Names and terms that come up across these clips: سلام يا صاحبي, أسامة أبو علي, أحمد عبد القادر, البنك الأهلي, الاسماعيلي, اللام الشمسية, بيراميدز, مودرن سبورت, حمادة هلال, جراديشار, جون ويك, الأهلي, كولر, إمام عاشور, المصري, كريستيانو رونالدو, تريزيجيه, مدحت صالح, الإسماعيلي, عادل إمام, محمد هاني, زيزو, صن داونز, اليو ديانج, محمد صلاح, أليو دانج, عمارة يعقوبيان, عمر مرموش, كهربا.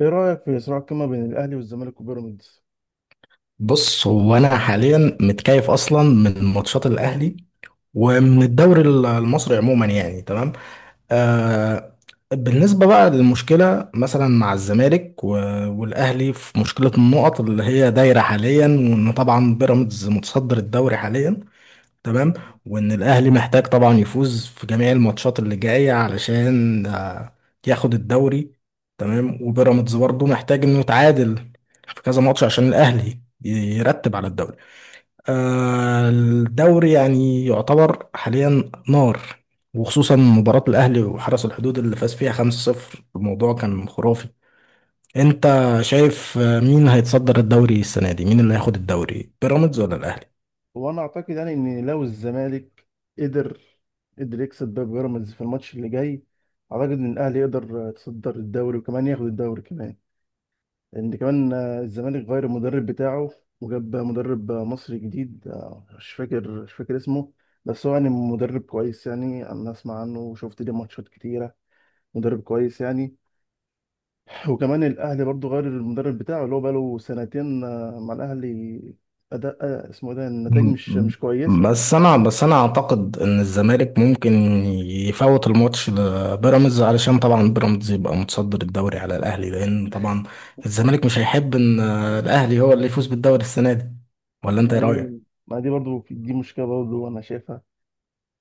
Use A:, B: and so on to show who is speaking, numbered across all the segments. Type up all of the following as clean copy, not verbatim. A: ايه رايك في صراع القمه بين الاهلي والزمالك وبيراميدز؟
B: بص هو انا حاليا متكيف اصلا من ماتشات الاهلي ومن الدوري المصري عموما يعني تمام. آه، بالنسبه بقى للمشكله مثلا مع الزمالك والاهلي في مشكله النقط اللي هي دايره حاليا، وان طبعا بيراميدز متصدر الدوري حاليا. تمام، وان الاهلي محتاج طبعا يفوز في جميع الماتشات اللي جايه علشان ياخد الدوري. تمام، وبيراميدز برضه محتاج انه يتعادل في كذا ماتش عشان يرتب على الدوري. آه، الدوري يعني يعتبر حاليا نار، وخصوصا مباراة الأهلي وحرس الحدود اللي فاز فيها 5-0. الموضوع كان خرافي. أنت شايف مين هيتصدر الدوري السنة دي؟ مين اللي هياخد الدوري، بيراميدز ولا الأهلي؟
A: وانا اعتقد يعني ان لو الزمالك قدر قدر يكسب باب بيراميدز في الماتش اللي جاي، اعتقد ان الاهلي يقدر يتصدر الدوري وكمان ياخد الدوري كمان. لان كمان الزمالك غير المدرب بتاعه، وجاب مدرب مصري جديد. مش فاكر اسمه، بس هو يعني مدرب كويس يعني، انا اسمع عنه وشفت ليه ماتشات كتيره، مدرب كويس يعني. وكمان الاهلي برضو غير المدرب بتاعه اللي هو بقاله سنتين مع الاهلي. اداء، اسمه إيه ده، النتائج
B: م-
A: مش كويسه.
B: بس انا اعتقد ان الزمالك ممكن يفوت الماتش لبيراميدز علشان طبعا بيراميدز يبقى متصدر الدوري على الاهلي، لان طبعا الزمالك مش هيحب ان الاهلي هو اللي يفوز بالدوري السنه دي. ولا انت ايه رايك؟
A: بعدين ما دي برضو، دي مشكله برضو انا شايفها،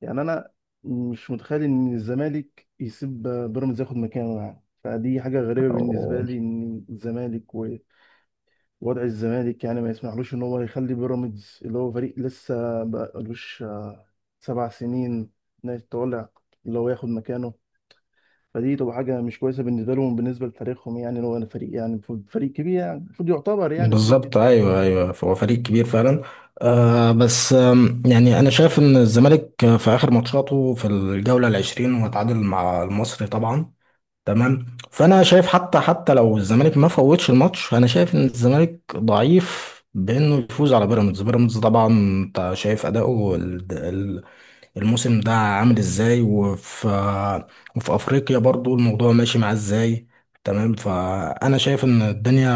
A: يعني انا مش متخيل ان الزمالك يسيب بيراميدز ياخد مكانه، يعني فدي حاجه غريبه بالنسبه
B: أو-
A: لي ان الزمالك ووضع الزمالك، يعني ما يسمحلوش ان هو يخلي بيراميدز اللي هو فريق لسه بقالوش 7 سنين إنه يتولع اللي هو ياخد مكانه. فدي تبقى حاجة مش كويسة بالنسبة لهم، بالنسبة لتاريخهم، يعني لو أنا فريق، يعني فريق كبير، يعني المفروض يعتبر يعني فريق
B: بالظبط،
A: كبير.
B: ايوه ايوه، هو فريق كبير فعلا. آه، بس يعني انا شايف ان الزمالك في اخر ماتشاته في الجوله العشرين هو تعادل مع المصري طبعا. تمام، فانا شايف حتى لو الزمالك ما فوتش الماتش، انا شايف ان الزمالك ضعيف بانه يفوز على بيراميدز. بيراميدز طبعا انت شايف اداؤه الموسم ده عامل ازاي، وفي افريقيا برضو الموضوع ماشي معاه ازاي. تمام، فانا شايف ان الدنيا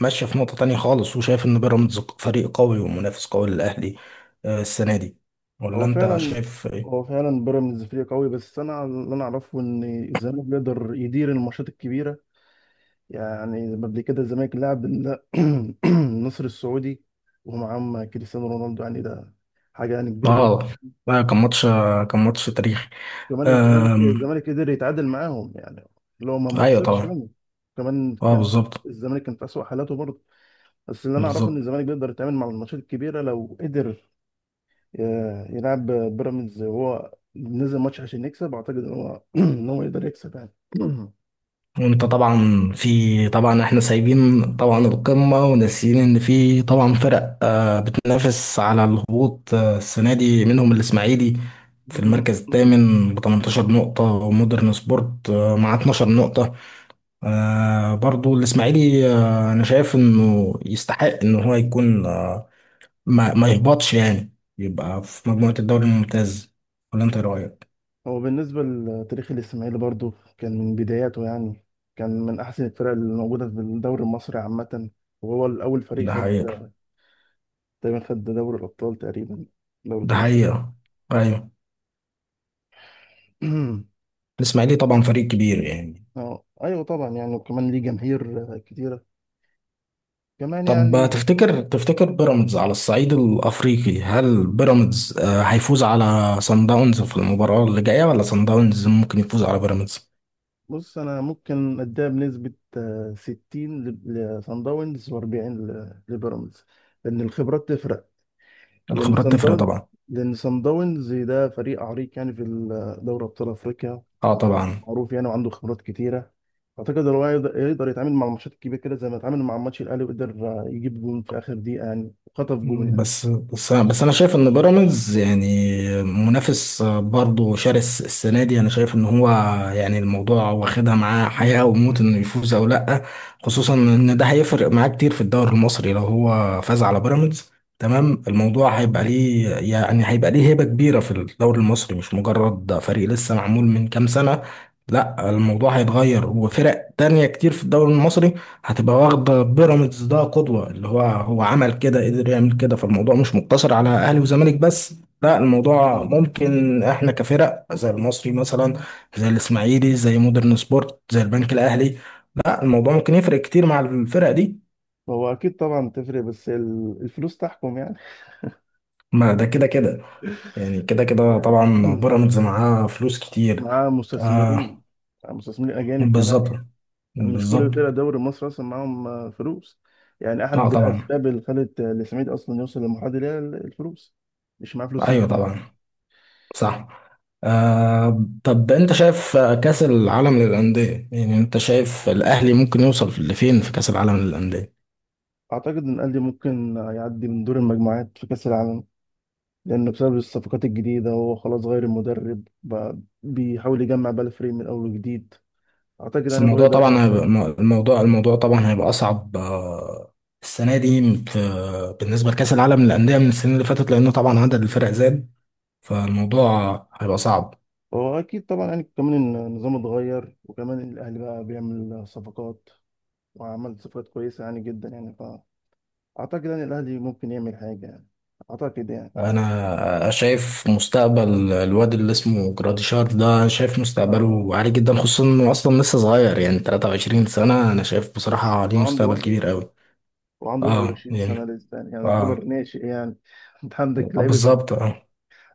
B: ماشيه في نقطه تانية خالص، وشايف ان بيراميدز فريق قوي ومنافس قوي للاهلي آه، السنه دي. ولا
A: هو
B: انت
A: فعلا
B: شايف
A: هو
B: ايه؟
A: فعلا بيراميدز فريق قوي، بس أنا اللي أنا أعرفه إن الزمالك بيقدر يدير الماتشات الكبيرة. يعني قبل كده الزمالك لعب النصر السعودي ومعاهم كريستيانو رونالدو، يعني ده حاجة يعني كبيرة جدا.
B: اه، لا، كان ماتش تاريخي.
A: كمان الزمالك
B: أم،
A: الزمالك قدر يتعادل معاهم يعني، اللي هو ما
B: ايوه
A: خسرش
B: طبعا.
A: منه. كمان
B: اه
A: كان
B: بالظبط.
A: الزمالك كان في أسوأ حالاته برضه. بس اللي انا اعرفه ان
B: بالظبط.
A: الزمالك بيقدر يتعامل مع الماتشات الكبيره لو قدر ي- يلعب بيراميدز وهو نزل ماتش عشان يكسب. اعتقد ان هو ان هو يقدر يكسب يعني.
B: وانت طبعا في طبعا، احنا سايبين طبعا القمه وناسيين ان في طبعا فرق آه بتنافس على الهبوط آه السنه دي، منهم الاسماعيلي في المركز الثامن ب 18 نقطه، ومودرن سبورت آه مع 12 نقطه. آه، برضو الاسماعيلي آه انا شايف انه يستحق ان هو يكون آه ما يهبطش، يعني يبقى في مجموعه الدوري الممتاز. ولا انت إيه رايك؟
A: هو بالنسبه لتاريخ الاسماعيلي برضو كان من بداياته، يعني كان من احسن الفرق اللي موجوده في الدوري المصري عامه. وهو الاول فريق
B: ده
A: خد
B: حقيقي.
A: تقريبا، خد دوري الابطال تقريبا، دوري
B: ده
A: الابطال.
B: حقيقة. أيوة. الإسماعيلي طبعا فريق كبير يعني.
A: اه، ايوه طبعا يعني، وكمان ليه جماهير كتيره كمان
B: طب
A: يعني.
B: تفتكر بيراميدز على الصعيد الأفريقي، هل بيراميدز آه، هيفوز على صن داونز في المباراة اللي جاية، ولا صن داونز ممكن يفوز على بيراميدز؟
A: بص انا ممكن اديها بنسبه 60 لصن داونز و40 لبيراميدز، لان الخبرات تفرق. لان
B: الخبرات
A: صن
B: تفرق
A: داونز،
B: طبعا.
A: ده فريق عريق يعني في دوري ابطال افريقيا،
B: اه طبعا.
A: معروف يعني وعنده خبرات كتيره. اعتقد هو يقدر يتعامل مع الماتشات الكبيره كده، زي ما اتعامل مع ماتش الاهلي وقدر يجيب جون في اخر دقيقه يعني، وخطف جون يعني.
B: بس انا شايف ان بيراميدز يعني منافس برضه شرس السنه دي، انا شايف ان هو يعني الموضوع واخدها معاه حياه
A: مم.
B: وموت انه يفوز او لا. خصوصا ان ده هيفرق معاه كتير في الدوري المصري لو هو فاز على بيراميدز. تمام، الموضوع هيبقى ليه يعني هيبقى ليه هيبه كبيره في الدوري المصري، مش مجرد فريق لسه معمول من كام سنه. لا، الموضوع هيتغير، وفرق تانية كتير في الدوري المصري هتبقى واخدة بيراميدز ده قدوة، اللي هو هو عمل كده قدر يعمل كده. فالموضوع مش مقتصر على أهلي وزمالك بس، لا الموضوع
A: مم.
B: ممكن احنا كفرق زي المصري مثلا، زي الإسماعيلي، زي مودرن سبورت، زي البنك الأهلي. لا، الموضوع ممكن يفرق كتير مع الفرق دي.
A: هو اكيد طبعا تفرق، بس الفلوس تحكم يعني.
B: ما ده كده كده، يعني كده كده طبعا بيراميدز معاه فلوس كتير.
A: مع مستثمرين
B: آه.
A: مع مستثمرين اجانب كمان
B: بالظبط.
A: يعني، يعني مش كل
B: بالظبط.
A: فرق الدوري المصري اصلا معاهم فلوس. يعني
B: اه
A: احد
B: طبعا.
A: الاسباب اللي خلت الاسماعيلي اصلا يوصل للمرحله دي هي الفلوس، مش معاه فلوس
B: ايوه
A: يبني
B: طبعا.
A: فريق.
B: صح. آه، طب انت شايف آه، كأس العالم للأندية، يعني انت شايف الأهلي ممكن يوصل لفين في كأس العالم للأندية؟
A: اعتقد ان الاهلي ممكن يعدي من دور المجموعات في كاس العالم، لانه بسبب الصفقات الجديده هو خلاص غير المدرب بقى، بيحاول يجمع بقى الفريق من اول وجديد. اعتقد
B: بس
A: يعني هو
B: الموضوع
A: يقدر يعمل
B: طبعا هيبقى،
A: حاجه.
B: الموضوع طبعا هيبقى أصعب آه، السنة دي في بالنسبة لكأس العالم للأندية من السنين اللي فاتت، لأنه طبعا عدد الفرق زاد، فالموضوع هيبقى صعب.
A: هو اكيد طبعا يعني كمان النظام اتغير، وكمان الاهلي بقى بيعمل صفقات وعمل صفقات كويسة يعني جدا يعني، فأعتقد يعني الأهلي ممكن يعمل حاجة يعني، أعتقد يعني.
B: انا شايف مستقبل الواد اللي اسمه جراديشار ده، أنا شايف
A: آه
B: مستقبله عالي جدا، خصوصا انه اصلا لسه صغير يعني 23 سنة. انا شايف بصراحة ليه مستقبل
A: وعنده
B: كبير
A: 21
B: قوي.
A: وعنده
B: اه
A: 21 سنة
B: يعني.
A: لسه يعني، يعني يعتبر
B: اه.
A: ناشئ يعني. أنت
B: آه، بالظبط اه.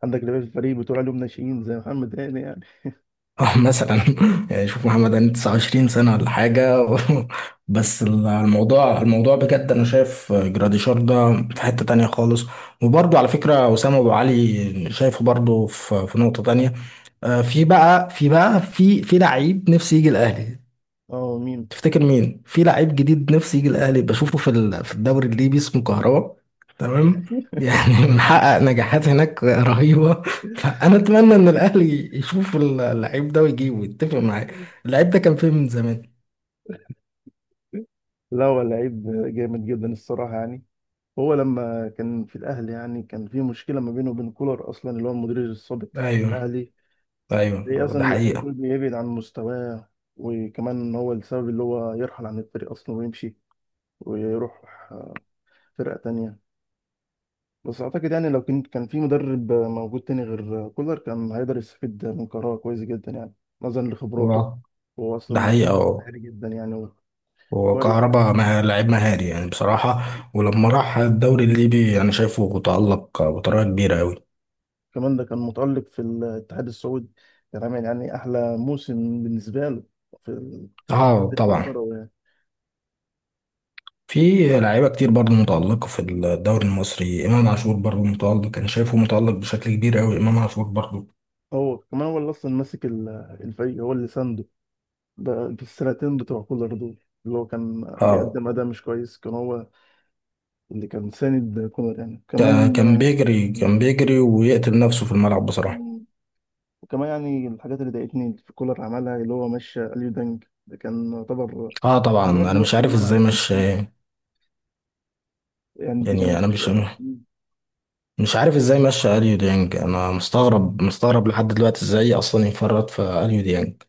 A: عندك لعيبة في الفريق، بتقول عليهم ناشئين زي محمد هاني يعني.
B: اه مثلا يعني شوف محمد أنا 29 سنة ولا حاجة. بس الموضوع الموضوع بجد، أنا شايف جراديشار ده في حتة تانية خالص. وبرضه على فكرة أسامة أبو علي شايفه برضه في نقطة تانية. آه، في بقى في بقى في لعيب نفسي يجي الأهلي.
A: أه، مين؟
B: تفتكر مين في لعيب جديد نفسي يجي الاهلي بشوفه في الدوري الليبي اسمه كهربا. تمام. يعني محقق نجاحات هناك رهيبة. فأنا أتمنى إن الأهلي يشوف اللعيب ده ويجيبه ويتفق معاه. اللعيب ده كان فين من زمان.
A: لا هو لعيب جامد جدا الصراحة يعني. هو لما كان في الأهلي يعني كان في مشكلة ما بينه وبين كولر، أصلا اللي هو المدير السابق
B: أيوه.
A: للأهلي. هي
B: أيوه، ده
A: اصلا اللي خلته
B: حقيقة.
A: يبعد عن مستواه، وكمان هو السبب اللي هو يرحل عن الفريق اصلا ويمشي ويروح آه، فرقة تانية. بس اعتقد يعني لو كان في مدرب موجود تاني غير كولر كان هيقدر يستفيد من قراره كويس جدا يعني، نظرا لخبراته
B: هو،
A: وهو
B: ده
A: اصلا
B: حقيقة. هو،
A: عالي جدا يعني.
B: هو
A: كويس.
B: كهربا لعيب مهاري يعني بصراحة. ولما راح الدوري الليبي أنا شايفه تألق بطريقة كبيرة أوي.
A: كمان ده كان متألق في الاتحاد السعودي، كان عامل يعني احلى موسم بالنسبة له في
B: اه
A: الفريق
B: طبعا.
A: الكروي يعني.
B: في لعيبة كتير برضه متألقة في الدوري المصري، إمام عاشور برضه متألق، كان شايفه متألق بشكل كبير أوي إمام عاشور برضه.
A: هو كمان هو اللي اصلا ماسك الفريق، هو اللي سانده بالسنتين بتوع كولر دول. اللي هو كان
B: آه،
A: بيقدم أداء مش كويس كان هو اللي كان ساند كولر يعني، كمان
B: كان بيجري كان بيجري ويقتل نفسه في الملعب بصراحة.
A: مم. وكمان يعني الحاجات اللي ضايقتني في كولر عملها اللي هو مشى أليو دانج، ده كان يعتبر
B: اه طبعا،
A: جوهر
B: انا مش
A: نص
B: عارف ازاي
A: الملعب.
B: مش،
A: مم. يعني دي
B: يعني
A: كانت
B: انا مش مش عارف ازاي مشى اليو ديانج، انا مستغرب لحد دلوقتي ازاي اصلا يفرط في اليو ديانج.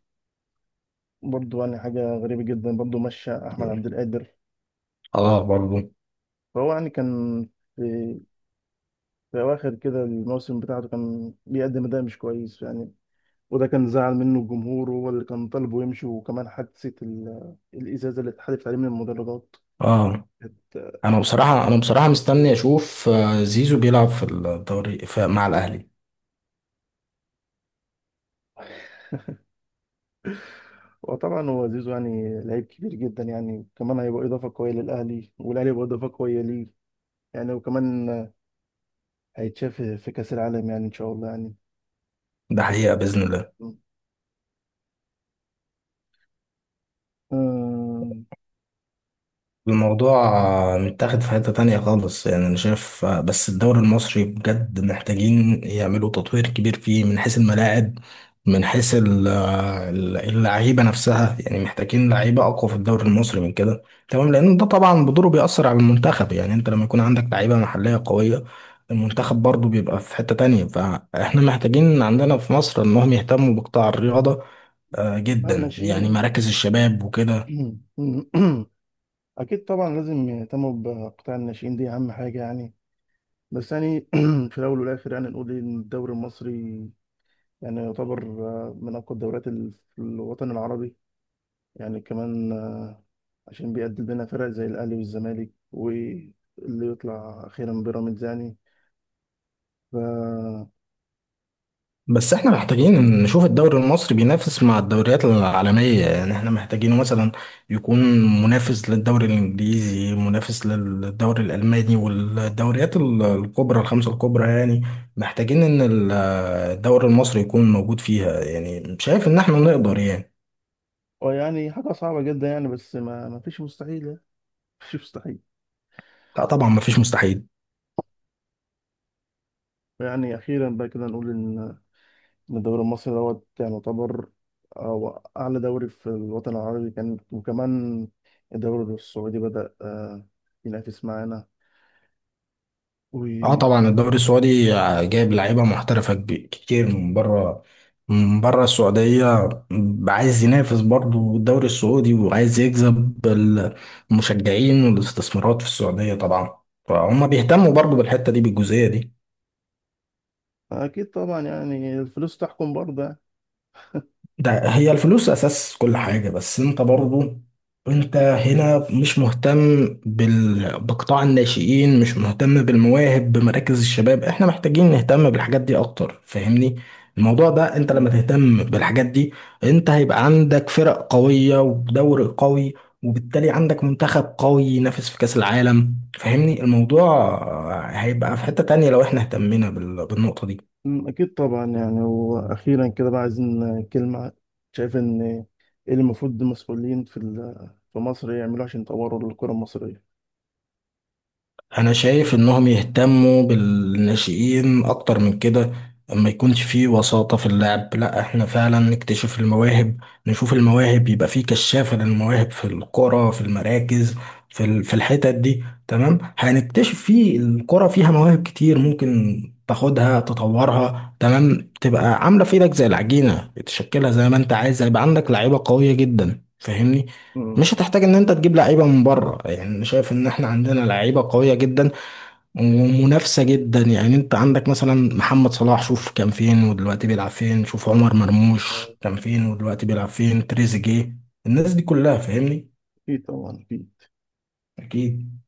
A: برضو، يعني حاجة غريبة جدا برضو مشى أحمد عبد القادر.
B: اه برضه.
A: فهو يعني كان في, في أواخر كده الموسم بتاعته كان بيقدم أداء مش كويس يعني، وده كان زعل منه الجمهور وهو اللي كان طالبه يمشي، وكمان حادثة الإزازة اللي اتحدفت عليه من المدرجات
B: اه،
A: كانت.
B: انا بصراحة، انا بصراحة مستني اشوف آه، زيزو بيلعب في الدوري مع الاهلي.
A: وطبعا هو زيزو يعني لعيب كبير جدا يعني، كمان هيبقى إضافة قوية للأهلي والأهلي هيبقى إضافة قوية ليه يعني، وكمان هيتشاف في كأس العالم يعني، إن شاء الله يعني.
B: ده حقيقة بإذن الله.
A: آم،
B: الموضوع متاخد في حتة تانية خالص، يعني أنا شايف بس الدوري المصري بجد محتاجين يعملوا تطوير كبير فيه من حيث الملاعب، من حيث اللعيبة نفسها. يعني محتاجين لعيبة أقوى في الدوري المصري من كده. تمام، لأن ده طبعا بدوره بيأثر على المنتخب، يعني أنت لما يكون عندك لعيبة محلية قوية، المنتخب برضه بيبقى في حتة تانية. فإحنا محتاجين عندنا في مصر إنهم يهتموا بقطاع الرياضة آه، جدا، يعني
A: الناشئين.
B: مراكز الشباب وكده.
A: أكيد طبعا لازم يهتموا بقطاع الناشئين، دي أهم حاجة يعني. بس يعني في الأول والآخر يعني نقول إن الدوري المصري يعني يعتبر من أقوى الدوريات في الوطن العربي يعني، كمان عشان بيقدم لنا فرق زي الأهلي والزمالك واللي يطلع أخيرا بيراميدز يعني. ف
B: بس احنا محتاجين نشوف الدوري المصري بينافس مع الدوريات العالمية، يعني احنا محتاجينه مثلا يكون منافس للدوري الانجليزي، منافس للدوري الالماني والدوريات الكبرى، الخمسة الكبرى يعني. محتاجين ان الدوري المصري يكون موجود فيها. يعني شايف ان احنا نقدر يعني.
A: ويعني حاجة صعبة جدا يعني، بس ما فيش مستحيل يعني. ما فيش مستحيل.
B: لا طبعا، مفيش مستحيل.
A: يعني أخيرا بقى كده نقول إن الدوري المصري دوت يعني يعتبر، أو أعلى دوري في الوطن العربي كان، وكمان الدوري السعودي بدأ ينافس معانا.
B: اه طبعا، الدوري السعودي جايب لعيبه محترفه كتير من بره، من بره السعوديه. عايز ينافس برضه الدوري السعودي، وعايز يجذب المشجعين والاستثمارات في السعوديه طبعا. فهم بيهتموا برضه بالحته دي، بالجزئيه دي.
A: أكيد طبعا يعني الفلوس تحكم برضه يعني.
B: ده هي الفلوس اساس كل حاجة. بس انت برضو، انت هنا مش مهتم بال... بقطاع الناشئين، مش مهتم بالمواهب، بمراكز الشباب. احنا محتاجين نهتم بالحاجات دي اكتر، فاهمني الموضوع ده؟ انت لما
A: مم.
B: تهتم بالحاجات دي، انت هيبقى عندك فرق قوية ودوري قوي، وبالتالي عندك منتخب قوي ينافس في كأس العالم. فاهمني الموضوع هيبقى في حتة تانية لو احنا اهتمينا بال... بالنقطة دي.
A: أكيد طبعا يعني، وأخيرا كده بقى عايزين كلمة، شايف إن إيه اللي المفروض المسؤولين في في مصر يعملوه عشان يطوروا الكرة المصرية؟
B: انا شايف انهم يهتموا بالناشئين اكتر من كده، ما يكونش فيه وساطة في اللعب، لا احنا فعلا نكتشف المواهب، نشوف المواهب، يبقى فيه كشافة للمواهب في القرى، في المراكز، في الحتت دي. تمام، هنكتشف فيه القرى فيها مواهب كتير، ممكن تاخدها تطورها. تمام، تبقى عاملة في ايدك زي العجينة تشكلها زي ما انت عايز. هيبقى عندك لعيبة قوية جدا، فاهمني؟
A: أمم،
B: مش هتحتاج ان انت تجيب لعيبه من بره. يعني انا شايف ان احنا عندنا لعيبه قويه جدا ومنافسه جدا، يعني انت عندك مثلا محمد صلاح، شوف كان فين ودلوقتي بيلعب فين، شوف عمر مرموش كان فين ودلوقتي بيلعب فين، تريزيجيه، الناس دي كلها، فاهمني؟
A: أكيد طبعا أكيد.
B: اكيد.